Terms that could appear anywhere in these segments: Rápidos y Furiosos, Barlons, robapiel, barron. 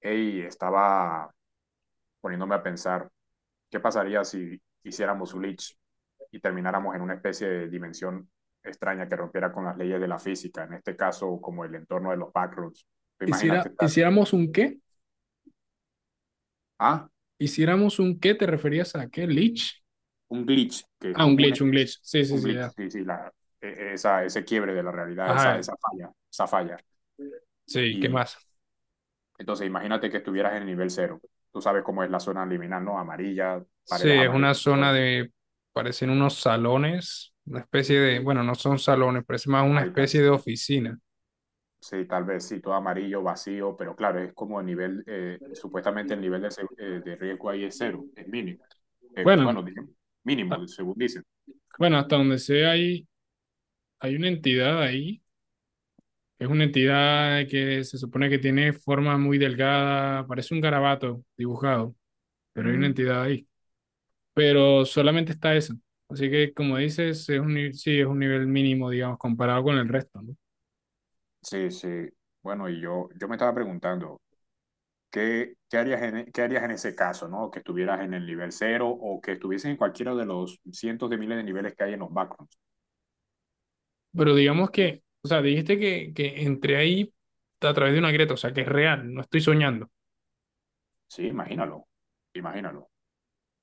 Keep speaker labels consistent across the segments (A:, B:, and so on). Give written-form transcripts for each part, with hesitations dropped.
A: Ey, estaba poniéndome a pensar, ¿qué pasaría si hiciéramos un glitch y termináramos en una especie de dimensión extraña que rompiera con las leyes de la física? En este caso, como el entorno de los backrooms. Tú imagínate
B: Hiciera,
A: estar,
B: hiciéramos un qué,
A: ah,
B: hiciéramos un qué, ¿te referías a qué? ¿Glitch?
A: un glitch, que es
B: Ah, un
A: como una
B: glitch, un
A: especie,
B: glitch. Sí, sí,
A: un
B: sí,
A: glitch,
B: ya.
A: sí, sí, ese quiebre de la realidad, esa,
B: Ajá,
A: esa falla, esa falla.
B: sí, ¿qué
A: Y
B: más?
A: entonces imagínate que estuvieras en el nivel cero. Tú sabes cómo es la zona liminal, ¿no? Amarilla,
B: Sí,
A: paredes
B: es una
A: amarillas,
B: zona
A: todo,
B: de, parecen unos salones, una especie de, bueno, no son salones, parece más una especie
A: hábitats.
B: de oficina.
A: Sí, tal vez sí, todo amarillo, vacío, pero claro, es como el nivel, supuestamente el nivel de, de riesgo ahí es cero, es mínimo. Eh,
B: Bueno,
A: bueno, digamos,
B: a-
A: mínimo, según dicen.
B: bueno, hasta donde sé hay una entidad ahí. Es una entidad que se supone que tiene forma muy delgada, parece un garabato dibujado, pero hay una
A: Mm,
B: entidad ahí. Pero solamente está eso. Así que, como dices, es un, ni- sí, es un nivel mínimo, digamos, comparado con el resto, ¿no?
A: sí, sí. Bueno, y yo me estaba preguntando, ¿qué qué harías en ese caso, no? Que estuvieras en el nivel cero o que estuvieses en cualquiera de los cientos de miles de niveles que hay en los backgrounds.
B: Pero digamos que, o sea, dijiste que entré ahí a través de una grieta, o sea, que es real, no estoy soñando. O
A: Sí, imagínalo, imagínalo.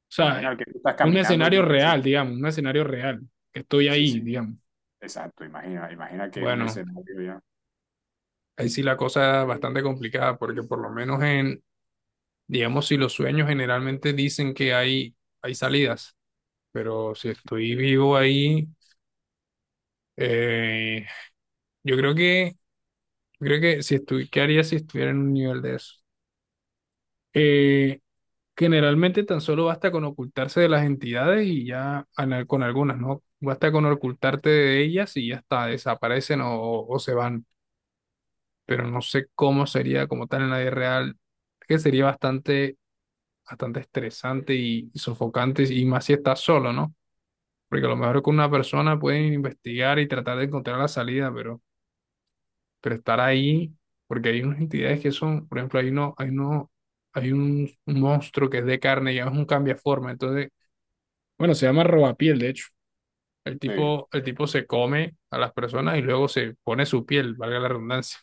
B: sea, es
A: Imagina que tú estás
B: un
A: caminando,
B: escenario
A: yo qué sé.
B: real, digamos, un escenario real, que estoy
A: Sí, sí,
B: ahí, digamos.
A: exacto, imagina, imagina que es un
B: Bueno,
A: escenario ya.
B: ahí sí la cosa es bastante complicada, porque por lo menos en, digamos, si los sueños generalmente dicen que hay salidas, pero si estoy vivo ahí, eh, yo creo que... Creo que ¿qué haría si estuviera en un nivel de eso? Eh, Generalmente tan solo basta con ocultarse de las entidades y ya con algunas, ¿no? Basta con ocultarte de ellas y ya está, desaparecen o se van. Pero no sé cómo sería como tal en la vida real, que sería bastante, bastante estresante y sofocante, y más si estás solo, ¿no? Porque a lo mejor con una persona pueden investigar y tratar de encontrar la salida, pero estar ahí, porque hay unas entidades que son, por ejemplo, hay un monstruo que es de carne y es un cambiaforma, entonces, bueno, se llama robapiel, de hecho. El
A: Sí,
B: tipo, el tipo se come a las personas y luego se pone su piel, valga la redundancia,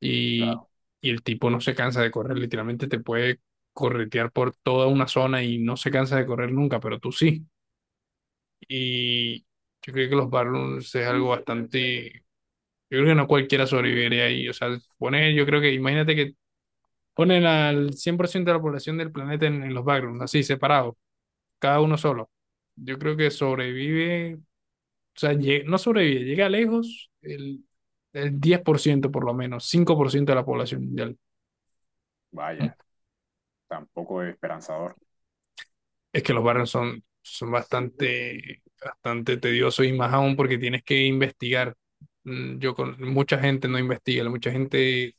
B: y,
A: claro,
B: y el tipo no se cansa de correr, literalmente te puede corretear por toda una zona y no se cansa de correr nunca, pero tú sí. Y yo creo que los Barlons es algo bastante. Yo creo que no cualquiera sobreviviría ahí. O sea, yo creo que, imagínate que ponen al 100% de la población del planeta en los backgrounds, así, separados, cada uno solo. Yo creo que sobrevive, o sea, no sobrevive, llega lejos el diez por ciento por lo menos, 5% de la población mundial.
A: vaya. Tampoco es esperanzador.
B: Es que los backgrounds son bastante, bastante tediosos y más aún porque tienes que investigar. Yo con mucha gente no investiga, mucha gente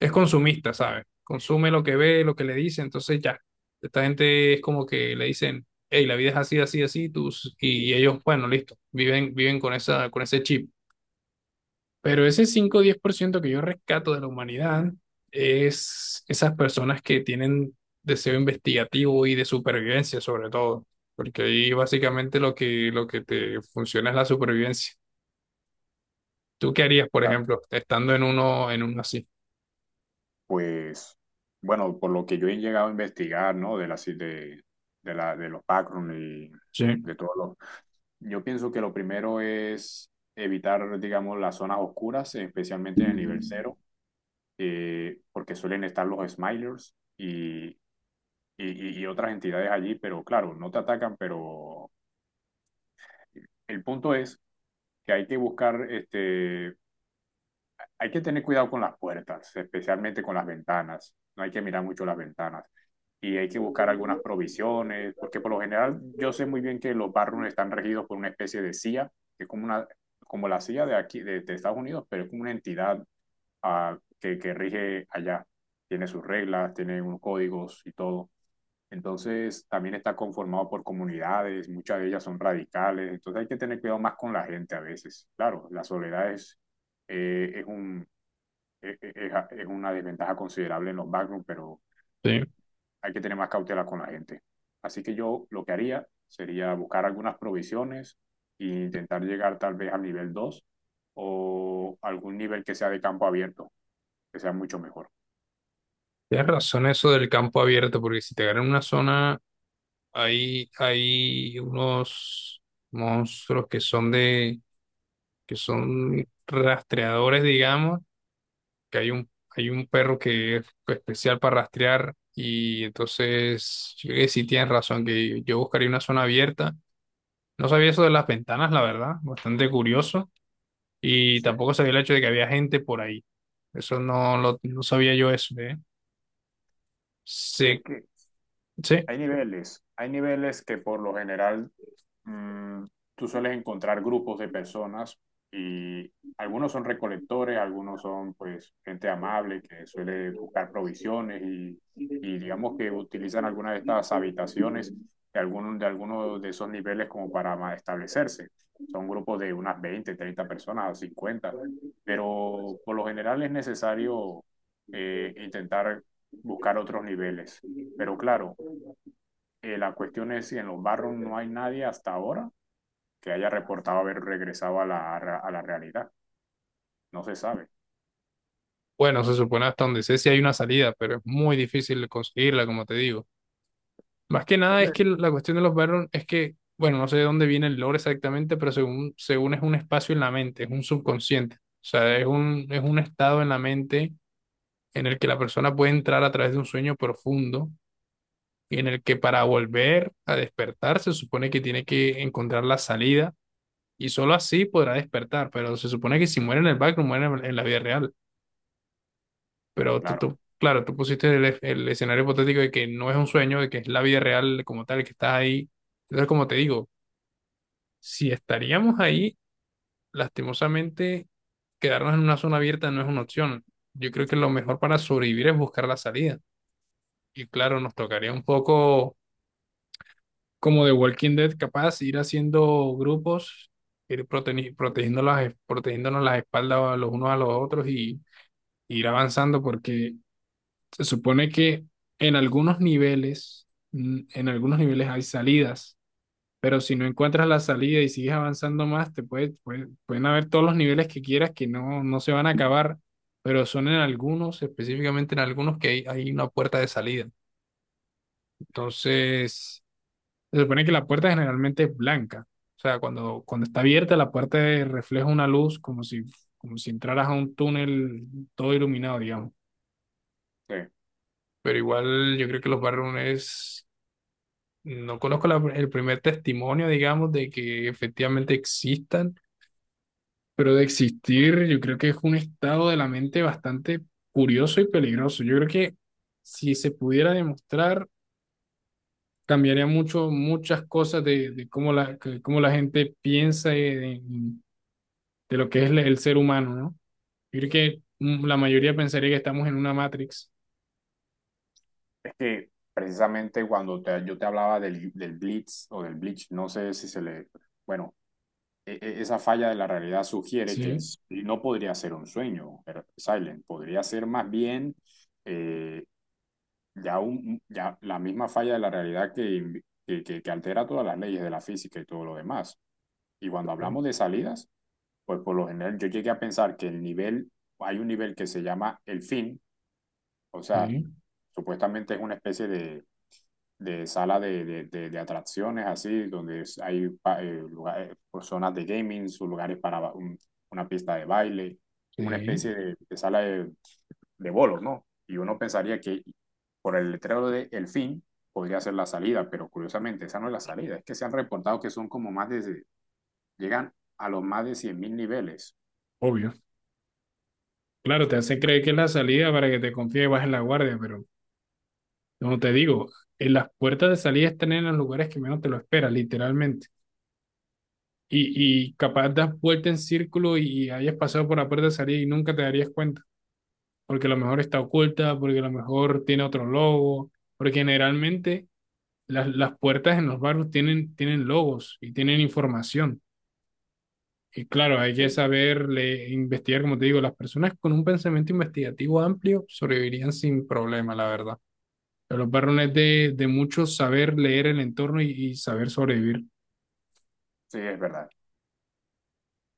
B: es consumista, ¿sabes? Consume lo que ve, lo que le dice, entonces ya. Esta gente es como que le dicen, hey, la vida es así, así, así, tus, y ellos, bueno, listo, viven con ese chip. Pero ese 5 o 10% que yo rescato de la humanidad es esas personas que tienen deseo investigativo y de supervivencia, sobre todo, porque ahí básicamente lo que te funciona es la supervivencia. ¿Tú qué harías, por
A: Ah,
B: ejemplo, estando en uno así?
A: Pues, bueno, por lo que yo he llegado a investigar, ¿no? De la, si- de, de los background y
B: Sí,
A: de todo lo. Yo pienso que lo primero es evitar, digamos, las zonas oscuras, especialmente en el nivel cero, porque suelen estar los smilers y otras entidades allí, pero claro, no te atacan, pero el punto es que hay que tener cuidado con las puertas, especialmente con las ventanas. No hay que mirar mucho las ventanas. Y hay que buscar algunas provisiones, porque por lo general yo sé muy bien que los barrios están regidos por una especie de CIA, que es como, una, como la CIA de aquí, de Estados Unidos, pero es como una entidad que rige allá. Tiene sus reglas, tiene unos códigos y todo. Entonces, también está conformado por comunidades, muchas de ellas son radicales, entonces hay que tener cuidado más con la gente a veces. Claro, la soledad es un, es, es- es una desventaja considerable en los backrooms, pero
B: sí.
A: hay que tener más cautela con la gente. Así que yo lo que haría sería buscar algunas provisiones e intentar llegar tal vez al nivel 2 o algún nivel que sea de campo abierto, que sea mucho mejor.
B: Tienes razón eso del campo abierto, porque si te ganan una zona, hay unos monstruos que son rastreadores, digamos, que hay un perro que es especial para rastrear, y entonces, yo creo que sí tienes razón, que yo buscaría una zona abierta. No sabía eso de las ventanas, la verdad, bastante curioso, y
A: Sí,
B: tampoco sabía el hecho de que había gente por ahí. Eso no lo, no sabía yo eso, ¿eh?
A: sí,
B: Sí,
A: es que
B: sí.
A: hay niveles que por lo general mm, tú sueles encontrar grupos de personas y algunos son recolectores, algunos son pues gente amable que suele buscar provisiones y digamos que utilizan algunas de estas habitaciones de algunos de esos niveles como para establecerse. Son grupos de unas 20 30 personas, 50 pero por lo general es necesario intentar buscar otros niveles. Pero claro, la cuestión es si en los barrios no hay nadie hasta ahora, que haya reportado haber regresado a la realidad. No se sabe.
B: Bueno, se supone hasta donde sé si hay una salida, pero es muy difícil conseguirla, como te digo. Más que nada es que
A: Entonces,
B: la cuestión de los Baron es que, bueno, no sé de dónde viene el lore exactamente, pero según es un espacio en la mente, es un subconsciente. O sea, es un estado en la mente en el que la persona puede entrar a través de un sueño profundo y en el que para volver a despertar se supone que tiene que encontrar la salida y solo así podrá despertar, pero se supone que si muere en el background, muere en la vida real. Pero
A: claro,
B: claro, tú pusiste el escenario hipotético de que no es un sueño, de que es la vida real como tal, que estás ahí. Entonces, como te digo, si estaríamos ahí, lastimosamente, quedarnos en una zona abierta no es una opción. Yo creo que lo mejor para sobrevivir es buscar la salida. Y claro, nos tocaría un poco como de Walking Dead, capaz, ir haciendo grupos, ir protegiendo protegiéndonos las espaldas los unos a los otros y ir avanzando porque se supone que en algunos niveles, hay salidas, pero si no encuentras la salida y sigues avanzando más, pueden haber todos los niveles que quieras que no se van a acabar, pero son en algunos, específicamente en algunos que hay una puerta de salida. Entonces, se supone que la puerta generalmente es blanca. O sea, cuando está abierta, la puerta refleja una luz como si entraras a un túnel todo iluminado, digamos.
A: sí.
B: Pero igual yo creo que los barrones. No conozco el primer testimonio, digamos, de que efectivamente existan, pero de existir yo creo que es un estado de la mente bastante curioso y peligroso. Yo creo que si se pudiera demostrar, cambiaría mucho, muchas cosas de cómo cómo la gente piensa de lo que es el ser humano, ¿no? Yo creo que la mayoría pensaría que estamos en una Matrix.
A: Es que precisamente cuando yo te hablaba del blitz o del bleach, no sé si se le. Bueno, esa falla de la realidad sugiere que
B: Sí,
A: no podría ser un sueño, Silent, podría ser más bien eh, ya la misma falla de la realidad que altera todas las leyes de la física y todo lo demás. Y cuando
B: claro,
A: hablamos de salidas, pues por lo general yo llegué a pensar que hay un nivel que se llama el fin, o sea,
B: sí,
A: supuestamente es una especie de sala de atracciones así, donde hay lugares, pues, zonas de gaming, sus lugares para una pista de baile, como una especie
B: sí,
A: de sala de bolos, ¿no? Y uno pensaría que por el letrero de el fin podría ser la salida, pero curiosamente esa no es la salida, es que se han reportado que son como más de, llegan a los más de 100.000 niveles.
B: obvio. Claro, te hace creer que es la salida para que te confíes y bajes la guardia, pero como te digo, en las puertas de salida están en los lugares que menos te lo esperas, literalmente. Y capaz das vuelta en círculo y hayas pasado por la puerta de salida y nunca te darías cuenta, porque a lo mejor está oculta, porque a lo mejor tiene otro logo, porque generalmente las puertas en los barrios tienen logos y tienen información. Y claro, hay
A: Sí,
B: que saber investigar, como te digo, las personas con un pensamiento investigativo amplio sobrevivirían sin problema, la verdad. El varón es de mucho saber leer el entorno y saber sobrevivir.
A: sí, es verdad.